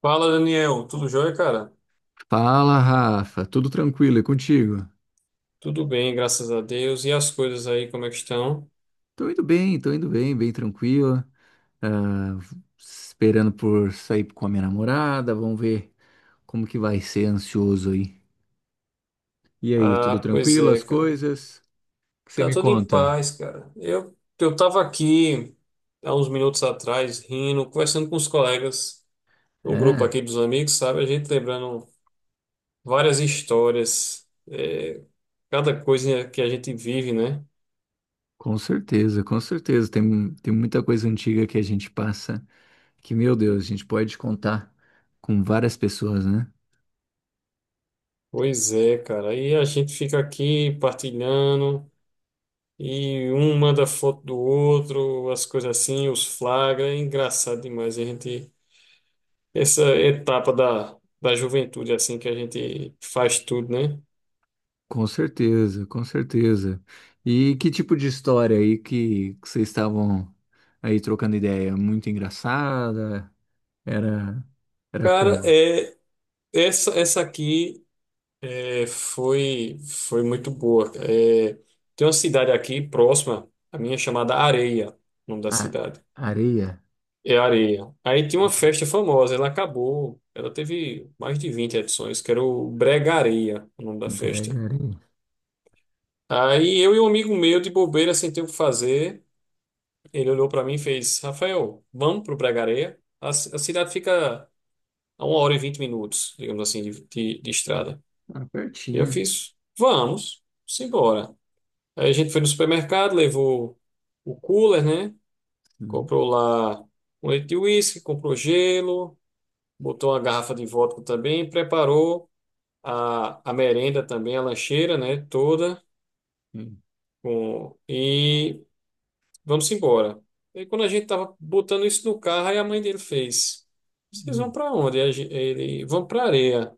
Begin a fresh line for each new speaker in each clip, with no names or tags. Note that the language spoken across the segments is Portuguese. Fala, Daniel. Tudo jóia, cara?
Fala, Rafa, tudo tranquilo e contigo?
Tudo bem, graças a Deus. E as coisas aí, como é que estão?
Tô indo bem, bem tranquilo. Ah, esperando por sair com a minha namorada, vamos ver como que vai ser ansioso aí. E aí, tudo
Ah, pois
tranquilo,
é,
as
cara.
coisas? O que você
Tá
me
tudo em
conta?
paz, cara. Eu tava aqui há uns minutos atrás, rindo, conversando com os colegas, o grupo
É,
aqui dos amigos, sabe? A gente lembrando várias histórias, cada coisa que a gente vive, né?
com certeza, com certeza. Tem muita coisa antiga que a gente passa que, meu Deus, a gente pode contar com várias pessoas, né?
Pois é, cara. E a gente fica aqui partilhando. E um manda foto do outro, as coisas assim, os flagra. É engraçado demais. A gente, essa etapa da, juventude, assim, que a gente faz tudo, né?
Com certeza, com certeza. E que tipo de história aí que vocês estavam aí trocando ideia? Muito engraçada? Era, era
Cara,
como?
essa aqui é, foi muito boa. É, tem uma cidade aqui próxima, a minha chamada Areia, o nome da
A,
cidade.
areia?
É Areia. Aí tinha uma festa famosa, ela acabou, ela teve mais de 20 edições, que era o Bregareia, o nome da festa.
Brega areia.
Aí eu e um amigo meu, de bobeira, sem ter o que fazer, ele olhou pra mim e fez: Rafael, vamos pro Pregareia? A cidade fica a 1 hora e 20 minutos, digamos assim, de estrada.
Ah,
E eu
pertinho.
fiz: vamos, simbora. Aí a gente foi no supermercado, levou o cooler, né?
Hum,
Comprou lá um leite de uísque, comprou gelo, botou uma garrafa de vodka também, preparou a merenda também, a lancheira, né? Toda.
hum,
Com, e. Vamos embora. E aí, quando a gente tava botando isso no carro, aí a mãe dele fez: Vocês vão
hum.
para onde? Ele, vão para areia.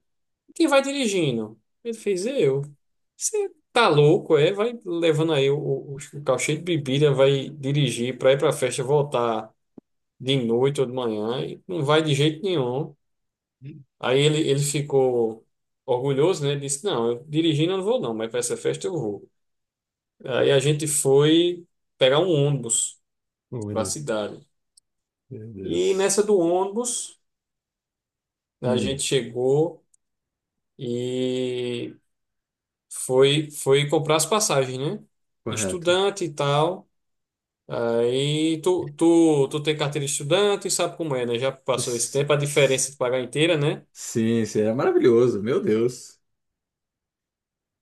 Quem vai dirigindo? Ele fez: Eu. Você tá louco, é? Vai levando aí o carro cheio de bebida, vai dirigir para ir para festa, voltar de noite ou de manhã, e não vai de jeito nenhum. Aí ele ficou orgulhoso, né? Disse: Não, eu dirigindo eu não vou, não, mas para essa festa eu vou. Aí a gente foi pegar um ônibus
Oh, meu
para a
Deus.
cidade.
Meu
E
Deus.
nessa do ônibus, a
Hum,
gente chegou e foi comprar as passagens, né?
correto.
Estudante e tal. Aí tu tem carteira de estudante, e sabe como é, né? Já passou esse
S-
tempo, a diferença
s-
de pagar inteira, né?
Sim, sim, era maravilhoso, meu Deus.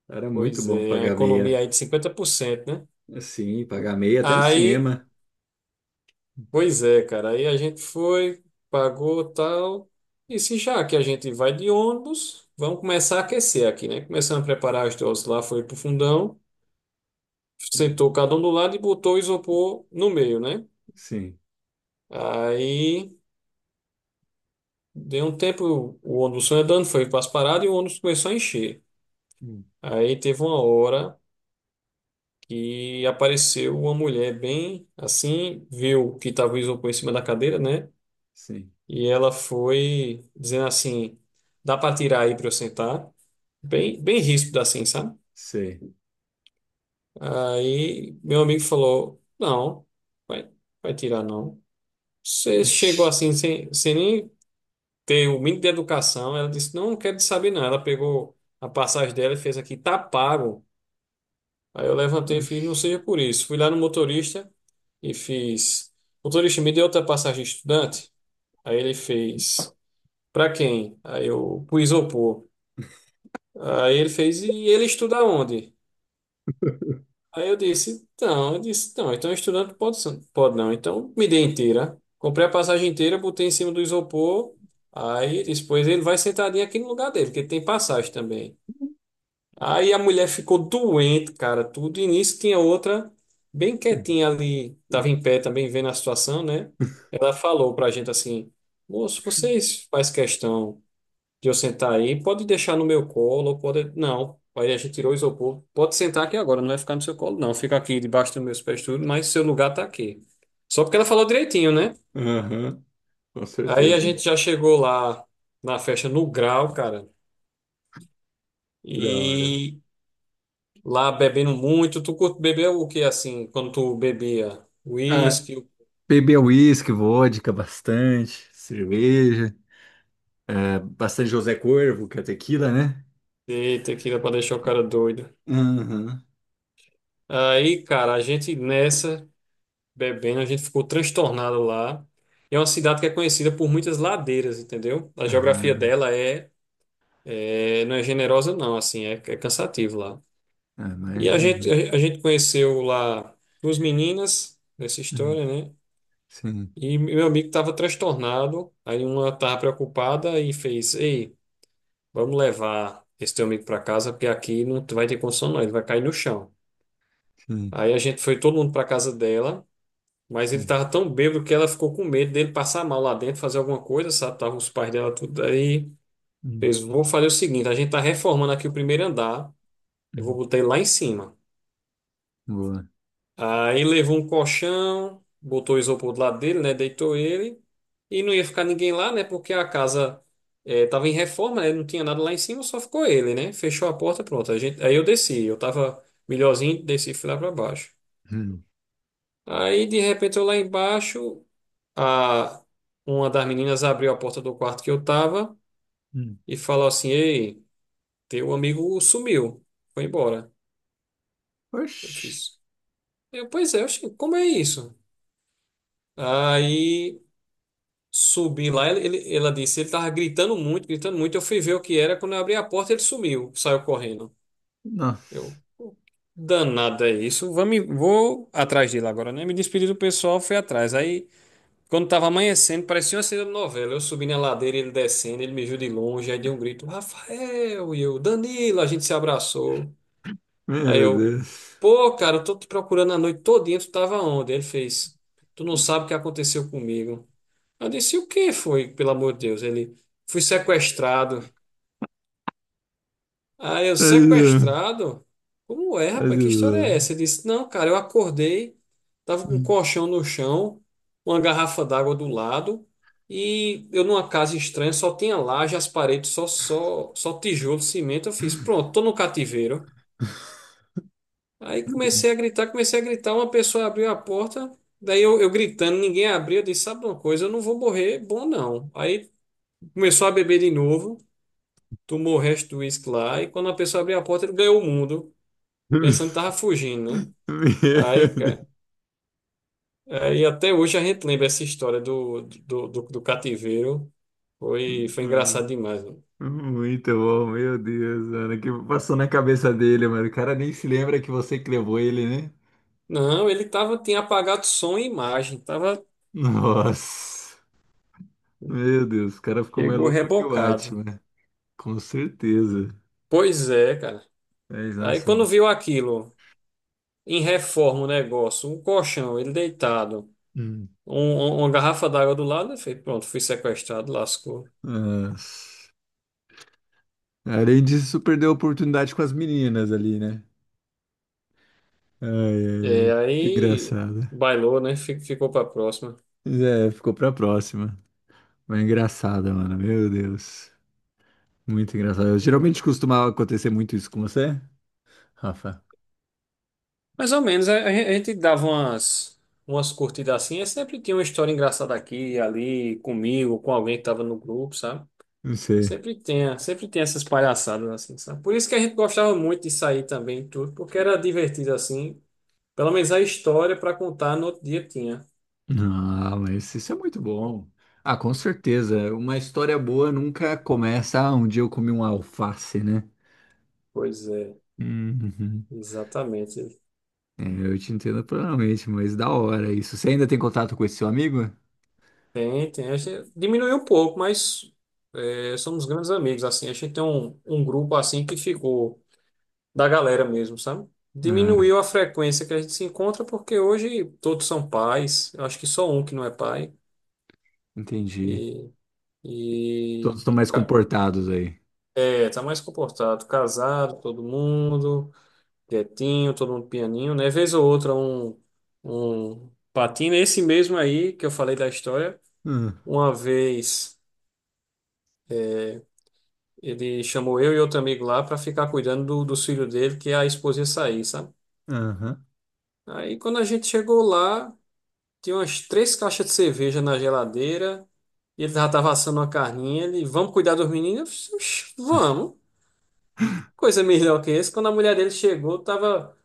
Era muito
Pois
bom
é, a
pagar
economia
meia.
aí de 50%, né?
Sim, pagar meia até no
Aí,
cinema.
pois é, cara. Aí a gente foi, pagou tal. E se já que a gente vai de ônibus, vamos começar a aquecer aqui, né? Começamos a preparar as doses lá, foi pro fundão. Sentou cada um do lado e botou o isopor no meio, né?
Sim,
Aí deu um tempo, o ônibus foi andando, foi para as paradas e o ônibus começou a encher. Aí teve uma hora que apareceu uma mulher bem assim, viu que estava o isopor em cima da cadeira, né?
sim.
E ela foi dizendo assim: dá para tirar aí para eu sentar? Bem, bem ríspido assim, sabe?
Sei.
Aí meu amigo falou: não, vai, vai tirar não. Você chegou
Oxi,
assim sem nem ter o mínimo de educação. Ela disse, não, não quero te saber não. Ela pegou a passagem dela e fez aqui, tá pago. Aí eu levantei e fiz, não
oxi.
seja por isso. Fui lá no motorista e fiz, motorista, me deu outra passagem de estudante? Aí ele fez, pra quem? Aí eu, pro isopor. Aí ele fez, e ele estuda onde? Aí eu disse, então, eu disse, não, então estudante pode, pode não. Então me dê inteira. Comprei a passagem inteira, botei em cima do isopor. Aí depois ele vai sentadinho aqui no lugar dele, porque ele tem passagem também. Aí a mulher ficou doente, cara, tudo. E nisso tinha outra bem quietinha ali, tava em pé também vendo a situação, né? Ela falou pra gente assim: Moço, vocês faz questão de eu sentar aí? Pode deixar no meu colo, pode. Não. Aí a gente tirou o isopor. Pode sentar aqui agora, não vai ficar no seu colo, não. Fica aqui debaixo dos meus pés, tudo, mas seu lugar tá aqui. Só porque ela falou direitinho, né?
Aham, com
Aí a
certeza.
gente já chegou lá na festa no grau, cara.
Da hora.
e Lá bebendo muito. Tu curte beber o que assim, quando tu bebia?
Ah,
Whisky,
beber uísque, vodka, bastante, cerveja, ah, bastante José Corvo, que é tequila, né?
e tequila pra deixar o cara doido.
Aham.
Aí, cara, a gente nessa bebendo, a gente ficou transtornado lá. E é uma cidade que é conhecida por muitas ladeiras, entendeu? A geografia
Ah,
dela não é generosa, não, assim, é cansativo lá.
ah,
E a gente,
imagino.
a, a gente conheceu lá duas meninas nessa
Hum,
história, né?
sim,
E meu amigo tava transtornado, aí uma tava preocupada e fez, ei. Vamos levar esse teu amigo para casa, porque aqui não vai ter condição, não. Ele vai cair no chão.
sim,
Aí a gente foi todo mundo para casa dela, mas ele
sim.
tava tão bêbado que ela ficou com medo dele passar mal lá dentro, fazer alguma coisa, sabe? Tava os pais dela tudo aí.
Hum,
Fez, vou fazer o seguinte: a gente tá reformando aqui o primeiro andar. Eu vou
hum.
botar ele lá em cima.
Boa.
Aí levou um colchão, botou o isopor do lado dele, né? Deitou ele. E não ia ficar ninguém lá, né? Porque a casa tava em reforma, né? Não tinha nada lá em cima, só ficou ele, né? Fechou a porta, pronto. A gente, aí eu desci, eu tava melhorzinho, desci e fui lá pra baixo.
Hum,
Aí de repente eu lá embaixo, a, uma das meninas abriu a porta do quarto que eu tava
hum.
e falou assim: Ei, teu amigo sumiu, foi embora. Eu
Oxi,
fiz. Eu, pois é, eu, como é isso? Aí. Subi lá, ela disse, ele tava gritando muito, gritando muito. Eu fui ver o que era, quando eu abri a porta, ele sumiu, saiu correndo. Eu,
nossa.
"Pô, danado é isso. Vou atrás dele agora, né? Me despedi do pessoal, fui atrás. Aí, quando tava amanhecendo, parecia uma cena de novela. Eu subi na ladeira, ele descendo, ele me viu de longe, aí deu um grito, Rafael, e eu, Danilo, a gente se abraçou. Aí
Meu
eu,
Deus.
pô, cara, eu tô te procurando a noite todinha, tu tava onde? Ele fez, tu não sabe o que aconteceu comigo. Eu disse, o que foi, pelo amor de Deus? Ele, fui sequestrado. Aí eu,
Meu Deus.
sequestrado? Como é,
Meu
rapaz? Que história é
Deus.
essa? Ele disse, não, cara, eu acordei, tava com um
Hum.
colchão no chão, uma garrafa d'água do lado, e eu numa casa estranha, só tinha laje, as paredes, só tijolo, cimento. Eu fiz, pronto, tô no cativeiro. Aí comecei a gritar, uma pessoa abriu a porta, daí eu, gritando, ninguém abriu, eu disse, sabe uma coisa, eu não vou morrer, bom não. Aí começou a beber de novo. Tomou o resto do uísque lá, e quando a pessoa abriu a porta, ele ganhou o mundo, pensando que tava fugindo, né?
Meu
Aí,
Deus.
cara, aí até hoje a gente lembra essa história do cativeiro. Foi engraçado
Nossa.
demais, mano.
Muito bom, meu Deus, mano. O que passou na cabeça dele, mano? O cara nem se lembra que você que levou ele, né?
Não, ele tava, tinha apagado som e imagem,
Nossa, meu Deus, o cara ficou mais
chegou
louco que o
rebocado.
Batman. Com certeza.
Pois é, cara.
Mas,
Aí
nossa,
quando
mano.
viu aquilo, em reforma o negócio, um colchão, ele deitado,
Hum.
uma garrafa d'água do lado, ele fez, pronto, fui sequestrado, lascou.
Nossa. Além disso, perdeu a oportunidade com as meninas ali, né? Ai, ai, ai,
É,
muito
aí
engraçado.
bailou, né? Ficou pra próxima.
Mas é, ficou pra próxima. Mas engraçada, mano, meu Deus. Muito engraçado. Geralmente costumava acontecer muito isso com você, Rafa?
Mais ou menos, a gente dava umas curtidas assim, e sempre tinha uma história engraçada aqui, ali, comigo, com alguém que tava no grupo, sabe?
Não sei.
Sempre tinha, sempre tem essas palhaçadas assim, sabe? Por isso que a gente gostava muito de sair também, e tudo, porque era divertido assim. Pelo menos a história para contar no outro dia tinha.
Ah, mas isso é muito bom. Ah, com certeza. Uma história boa nunca começa. Ah, um dia eu comi um alface, né?
Pois é,
Uhum.
exatamente.
É, eu te entendo plenamente, mas da hora isso. Você ainda tem contato com esse seu amigo?
Tem, tem. A gente diminuiu um pouco, mas somos grandes amigos, assim. A gente tem um grupo, assim, que ficou da galera mesmo, sabe?
Ah,
Diminuiu a frequência que a gente se encontra, porque hoje todos são pais. Eu acho que só um que não é pai.
entendi.
E,
Todos
e
estão mais
ca-
comportados aí.
tá mais comportado. Casado, todo mundo, quietinho, todo mundo pianinho, né? Vez ou outra, um patina. Esse mesmo aí que eu falei da história,
Ah,
uma vez. Ele chamou eu e outro amigo lá para ficar cuidando dos filhos dele, que a esposa ia sair, sabe?
aham.
Aí quando a gente chegou lá, tinha umas três caixas de cerveja na geladeira, e ele já tava assando uma carninha, ele, vamos cuidar dos meninos? Eu disse, "Oxe, vamos. Coisa melhor que esse. Quando a mulher dele chegou, tava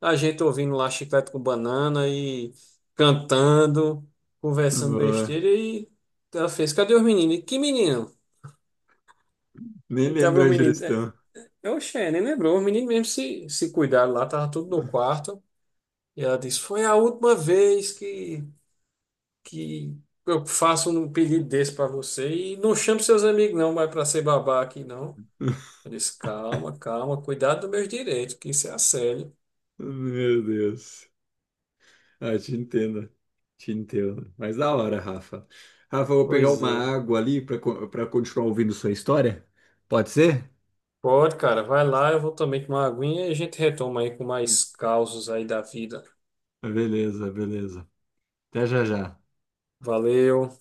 a gente ouvindo lá chiclete com banana e cantando, conversando
Boa.
besteira, e ela fez, cadê os meninos? E, que menino?
Nem
Aí tava
lembro
os
onde eles
meninos.
estão.
Oxê, nem lembrou. O menino mesmo se cuidaram lá, tava tudo no quarto. E ela disse: Foi a última vez que eu faço um pedido desse pra você. E não chame seus amigos, não, vai pra ser babá aqui, não. Eu disse: Calma, calma, cuidado dos meus direitos, que isso é assédio.
Meu Deus. Ah, te entendo, te entendo. Mas da hora, Rafa. Rafa, eu vou pegar
Pois
uma
é.
água ali para para continuar ouvindo sua história. Pode ser?
Pode, cara, vai lá, eu vou também tomar uma aguinha e a gente retoma aí com mais causos aí da vida.
Beleza, beleza. Até já já.
Valeu.